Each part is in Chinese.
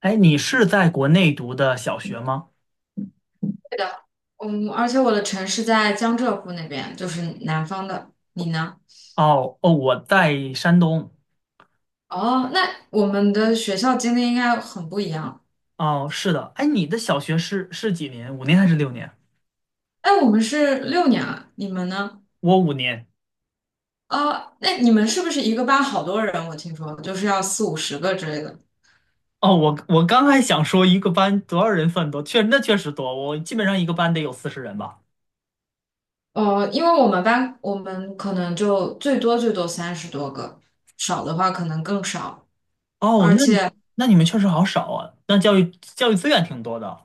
哎，你是在国内读的小学吗？的，嗯，而且我的城市在江浙沪那边，就是南方的。你呢？哦哦，我在山东。哦，那我们的学校经历应该很不一样。哦，是的。哎，你的小学是几年？五年还是6年？哎，我们是六年啊，你们呢？我五年。哦，那你们是不是一个班好多人？我听说就是要四五十个之类的。哦，我刚还想说一个班多少人算多，确实多，我基本上一个班得有40人吧。哦，因为我们班我们可能就最多最多30多个，少的话可能更少。哦，而那你且。那你们确实好少啊，那教育资源挺多的。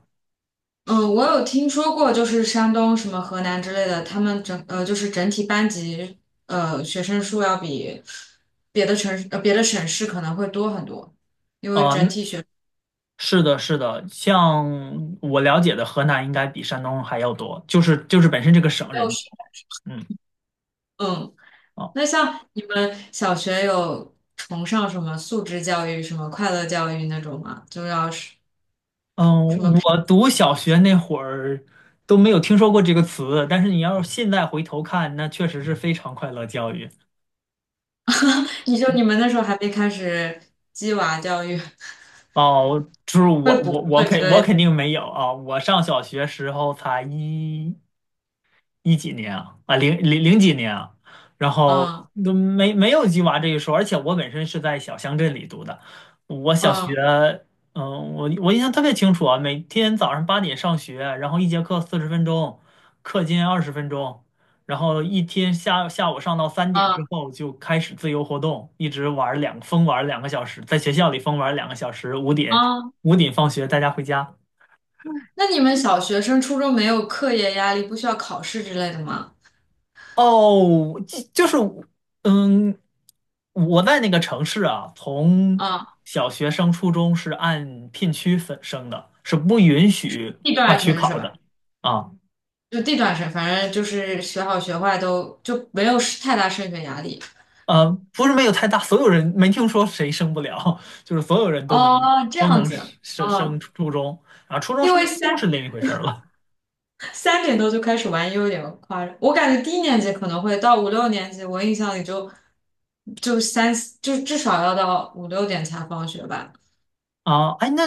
嗯，我有听说过，就是山东什么河南之类的，他们就是整体班级学生数要比别的省市可能会多很多。啊，那是的，是的，像我了解的，河南应该比山东还要多，就是本身这个省六人多。十嗯。嗯，哦那像你们小学有崇尚什么素质教育、什么快乐教育那种吗？就要是嗯，什么培，我读小学那会儿都没有听说过这个词，但是你要是现在回头看，那确实是非常快乐教育 你们那时候还没开始鸡娃教育，哦。就是我会我补我课之肯我类肯的。定没有啊，我上小学时候才一几年啊，零零几年啊，然后嗯都没有鸡娃这一说，而且我本身是在小乡镇里读的，我小学，嗯我印象特别清楚啊，每天早上8点上学，然后一节课40分钟，课间20分钟，然后一天下午上到3点之嗯后就开始自由活动，一直玩儿疯玩儿两个小时，在学校里疯玩儿两个小时，五点嗯。五点放学大家回家。那你们小学生、初中没有课业压力，不需要考试之类的吗？哦，就是，嗯，我在那个城市啊，从啊，小学升初中是按片区分升的，是不允许地跨段区生是考的吧？啊。就地段生，反正就是学好学坏都就没有太大升学压力。不是没有太大，所有人没听说谁升不了，就是所有人都能哦，这都样能子。升哦，初中啊，初中因升为高中三是另一回事儿了三点多就开始玩，又有点夸张。我感觉低年级可能会到五六年级，我印象里就三，就至少要到五六点才放学吧。啊。哎，那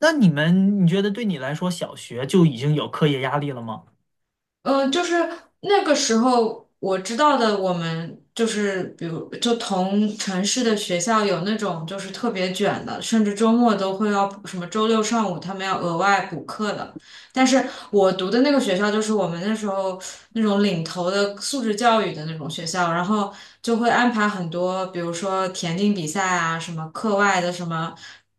那你们，你觉得对你来说，小学就已经有课业压力了吗？就是那个时候我知道的，我们就是比如就同城市的学校有那种就是特别卷的，甚至周末都会要什么周六上午他们要额外补课的。但是我读的那个学校就是我们那时候那种领头的素质教育的那种学校，然后就会安排很多，比如说田径比赛啊，什么课外的什么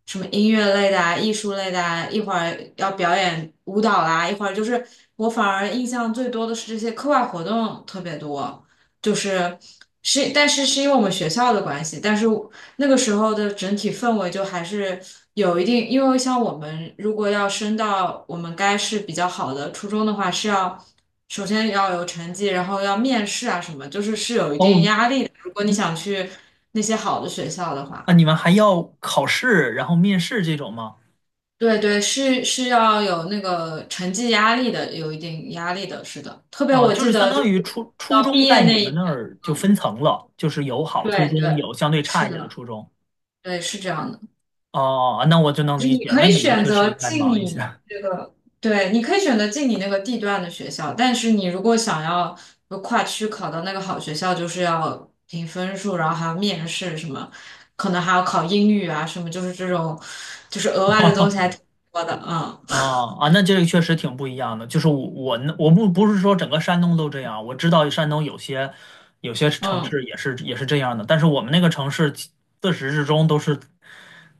什么音乐类的啊，艺术类的啊，一会儿要表演舞蹈啦，一会儿就是我反而印象最多的是这些课外活动特别多，就是是，但是是因为我们学校的关系，但是。那个时候的整体氛围就还是有一定，因为像我们如果要升到我们该是比较好的初中的话，是要首先要有成绩，然后要面试啊什么，就是是有一定哦，压力的。如果你想去那些好的学校的话，啊，你们还要考试，然后面试这种吗？对对，是要有那个成绩压力的，有一定压力的，是的。特别啊，我就记是相得就当是于初初到中毕业在那你一们年，那儿就嗯，分层了，就是有好初对中，对，有相对差一是点的的，初中。对，是这样的。哦，那我就能就是理你解，可那以你们选确实择应该进忙一你下。这个，对，你可以选择进你那个地段的学校，但是你如果想要就跨区考到那个好学校，就是要凭分数，然后还要面试什么，可能还要考英语啊什么，就是这种，就是额外的东西还 挺多的，嗯啊啊，那这个确实挺不一样的。就是我呢我不是说整个山东都这样，我知道山东有些城嗯市也是这样的，但是我们那个城市自始至终都是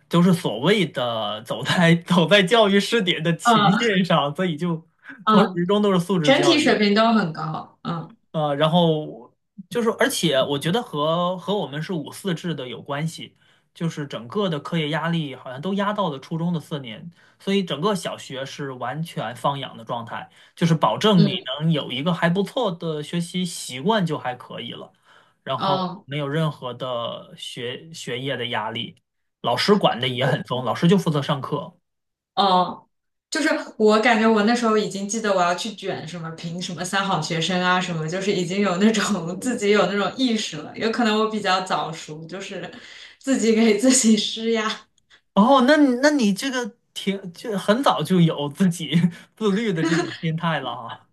都是所谓的走在 走在教育试点的前嗯线上，所以就从始嗯，至终都是素质整教体育。水平都很高，嗯然后就是，而且我觉得和我们是五四制的有关系，就是整个的课业压力好像都压到了初中的4年，所以整个小学是完全放养的状态，就是保证你嗯能有一个还不错的学习习惯就还可以了，然后嗯。没有任何的学业的压力，老师管的也很松，老师就负责上课。哦，就是我感觉我那时候已经记得我要去卷什么评什么三好学生啊什么，就是已经有那种 自己有那种意识了。有可能我比较早熟，就是自己给自己施压。哦，那你这个挺就很早就有自己 自律的这种心态了哈。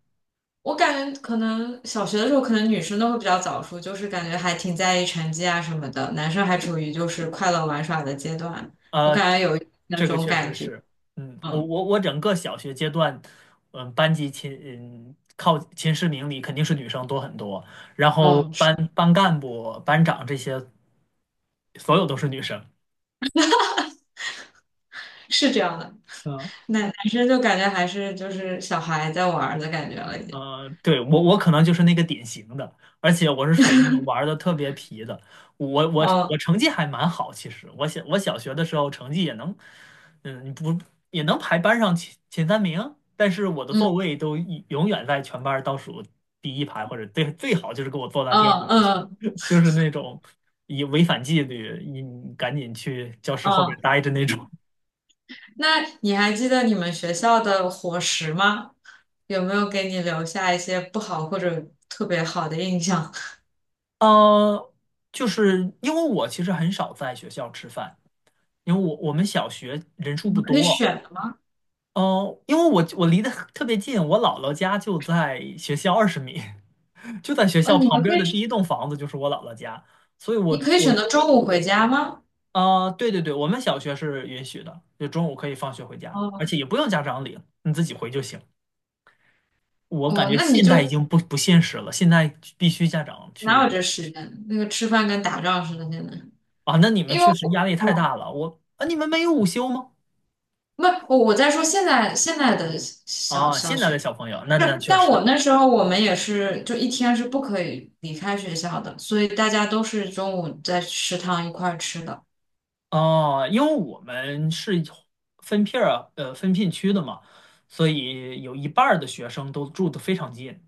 我感觉可能小学的时候，可能女生都会比较早熟，就是感觉还挺在意成绩啊什么的，男生还处于就是快乐玩耍的阶段。我呃，感觉有那这个种确实感觉，是，我嗯我我整个小学阶段，嗯，班级前嗯靠前10名里肯定是女生多很多，然后嗯，是班干部、班长这些所有都是女生。是这样的。嗯男生就感觉还是就是小孩在玩儿的感觉了，已经。对，我可能就是那个典型的，而且我是属于那种玩的特别皮的。我嗯成绩还蛮好，其实我小学的时候成绩也能，嗯，不也能排班上前三名，但是我的座嗯。位都永远在全班倒数第一排，或者最好就是给我坐在第二排嗯去，嗯 就是那种以违反纪律，你赶紧去教室后边嗯，待着那种。那你还记得你们学校的伙食吗？有没有给你留下一些不好或者特别好的印象？呃，就是因为我其实很少在学校吃饭。因为我们小学人数你不们可以多，选的吗？哦，因为我离得特别近，我姥姥家就在学校20米，就在学哦，校你旁们边可的第以，一栋房子就是我姥姥家，所以你我可以我选择中中午回家吗？啊、对对对，我们小学是允许的，就中午可以放学回家，而哦且也不用家长领，你自己回就行。我感哦，觉那你现就在已经不现实了，现在必须家长哪去有这时间？那个吃饭跟打仗似的，现在。啊，那你们因为确实压我，力太哦，大了，我啊，你们没有午休吗？不，我在说现在的小啊，小现在的学。小朋友，那是，确但实。我那时候我们也是，就一天是不可以离开学校的，所以大家都是中午在食堂一块儿吃的。哦，因为我们是分片区的嘛，所以有一半儿的学生都住得非常近，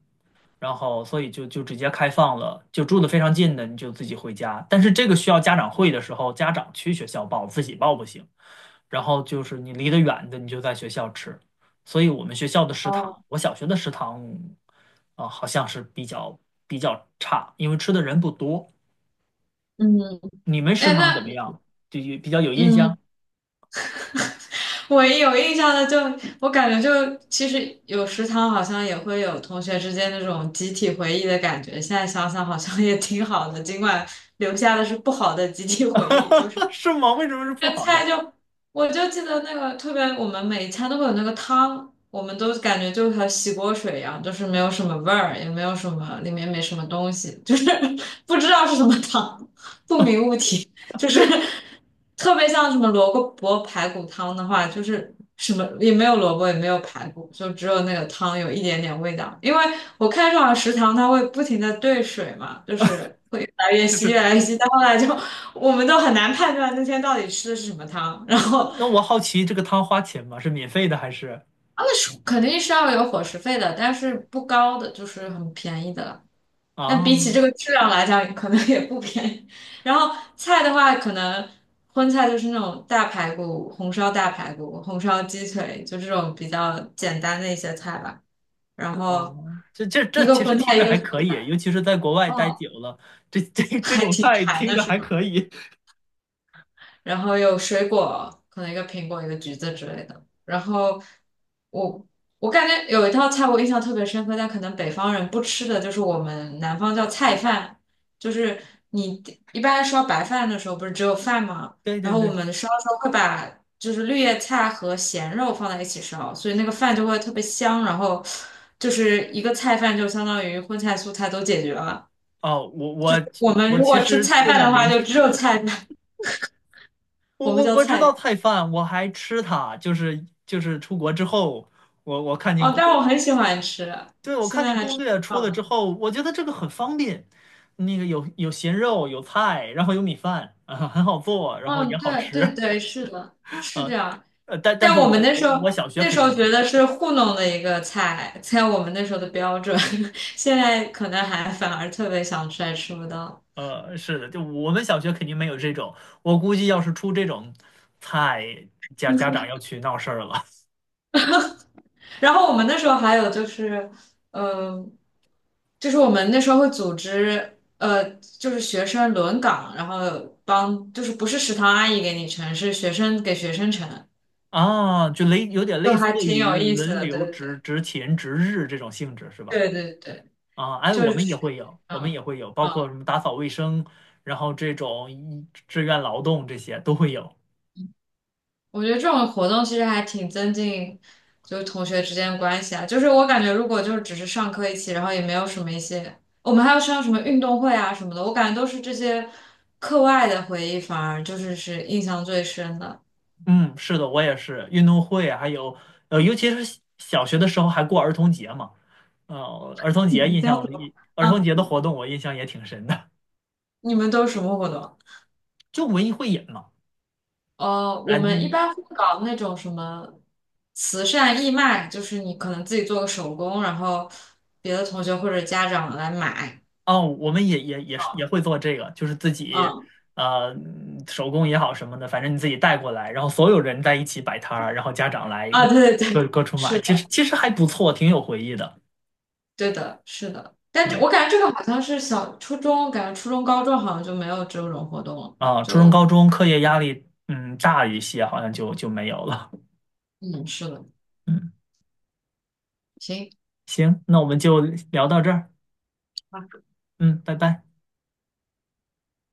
然后所以就直接开放了，就住得非常近的你就自己回家。但是这个需要家长会的时候，家长去学校报，自己报不行。然后就是你离得远的，你就在学校吃。所以我们学校的食堂，哦，我小学的食堂啊，好像是比较差，因为吃的人不多。嗯，你们食哎，堂怎么那样？就有比较有印象？嗯，我有印象的就，我感觉就其实有食堂好像也会有同学之间那种集体回忆的感觉。现在想想好像也挺好的，尽管留下的是不好的集体回忆，就是 是吗？为什么是不这好菜的？就，我就记得那个特别，我们每一餐都会有那个汤，我们都感觉就和洗锅水一样，就是没有什么味儿，也没有什么，里面没什么东西，就是 不知道是什么汤，不明物体，就是特别像什么萝卜排骨汤的话，就是什么也没有萝卜，也没有排骨，就只有那个汤有一点点味道。因为我看上了食堂，它会不停的兑水嘛，就是会越来越就稀，是越来越稀，到后来就我们都很难判断那天到底吃的是什么汤。然后那我好奇，这个汤花钱吗？是免费的还是他们是肯定是要有伙食费的，但是不高的，就是很便宜的了。但比起啊这个质量来讲，可能也不便宜。然后菜的话，可能荤菜就是那种大排骨、红烧大排骨、红烧鸡腿，就这种比较简单的一些菜吧。然啊？后这这一这个其实荤听菜，一着个还素可以，菜，尤其是在国外待哦，久了，这这这还种挺菜馋听的着是还吗？可以。然后有水果，可能一个苹果，一个橘子之类的。然后我我感觉有一道菜我印象特别深刻，但可能北方人不吃的就是我们南方叫菜饭，就是你一般烧白饭的时候不是只有饭吗？对然对后我对，们烧的时候会把就是绿叶菜和咸肉放在一起烧，所以那个饭就会特别香，然后就是一个菜饭就相当于荤菜素菜都解决了。哦，我我我们我如其果吃实菜这饭的两话，年就吃，只有菜饭，我我们我叫我知道菜菜饭，我还吃它，就是出国之后，我看见。哦，但我很喜欢吃，对，我现看在见还攻吃不略出到了之呢。后，我觉得这个很方便，那个有咸肉，有菜，然后有米饭，啊，很好做，然后也嗯，好对对吃，对，是的，是这啊，样。但但但是我我们那我时候我小学那肯时定候没觉有，得是糊弄的一个菜，在我们那时候的标准，现在可能还反而特别想吃，还吃不到。是的，就我们小学肯定没有这种，我估计要是出这种菜，家长要去闹事儿了 然后我们那时候还有就是，嗯、就是我们那时候会组织，就是学生轮岗，然后帮，就是不是食堂阿姨给你盛，是学生给学生盛，啊，就有点就类似还挺于有意思轮的，对流对值日这种性质是吧？对对对对。啊，哎，就我是们也去会有，我们嗯也会有，包括嗯，什么打扫卫生，然后这种志愿劳动这些都会有。我觉得这种活动其实还挺增进就是同学之间的关系啊。就是我感觉，如果就是只是上课一起，然后也没有什么一些，我们还要上什么运动会啊什么的，我感觉都是这些课外的回忆，反而就是是印象最深的。嗯，是的，我也是。运动会还有，尤其是小学的时候还过儿童节嘛，呃，你们都怎么？儿童节的嗯，活动我印象也挺深的，你们都是什么活动？就文艺汇演嘛。啊，我们一般会搞那种什么慈善义卖，就是你可能自己做个手工，然后别的同学或者家长来买。哦，我们也会做这个，就是自己嗯。呃手工也好什么的，反正你自己带过来，然后所有人在一起摆摊儿，然后家长来啊，对对各对，各处买，是其实的，其实还不错，挺有回忆的对的，是的。但这我感觉这个好像是小初中，感觉初中、高中好像就没有这种活动了。啊。初中、就高中课业压力大一些，好像就没有了。嗯，是的，嗯，行。行，那我们就聊到这儿，嗯，拜拜。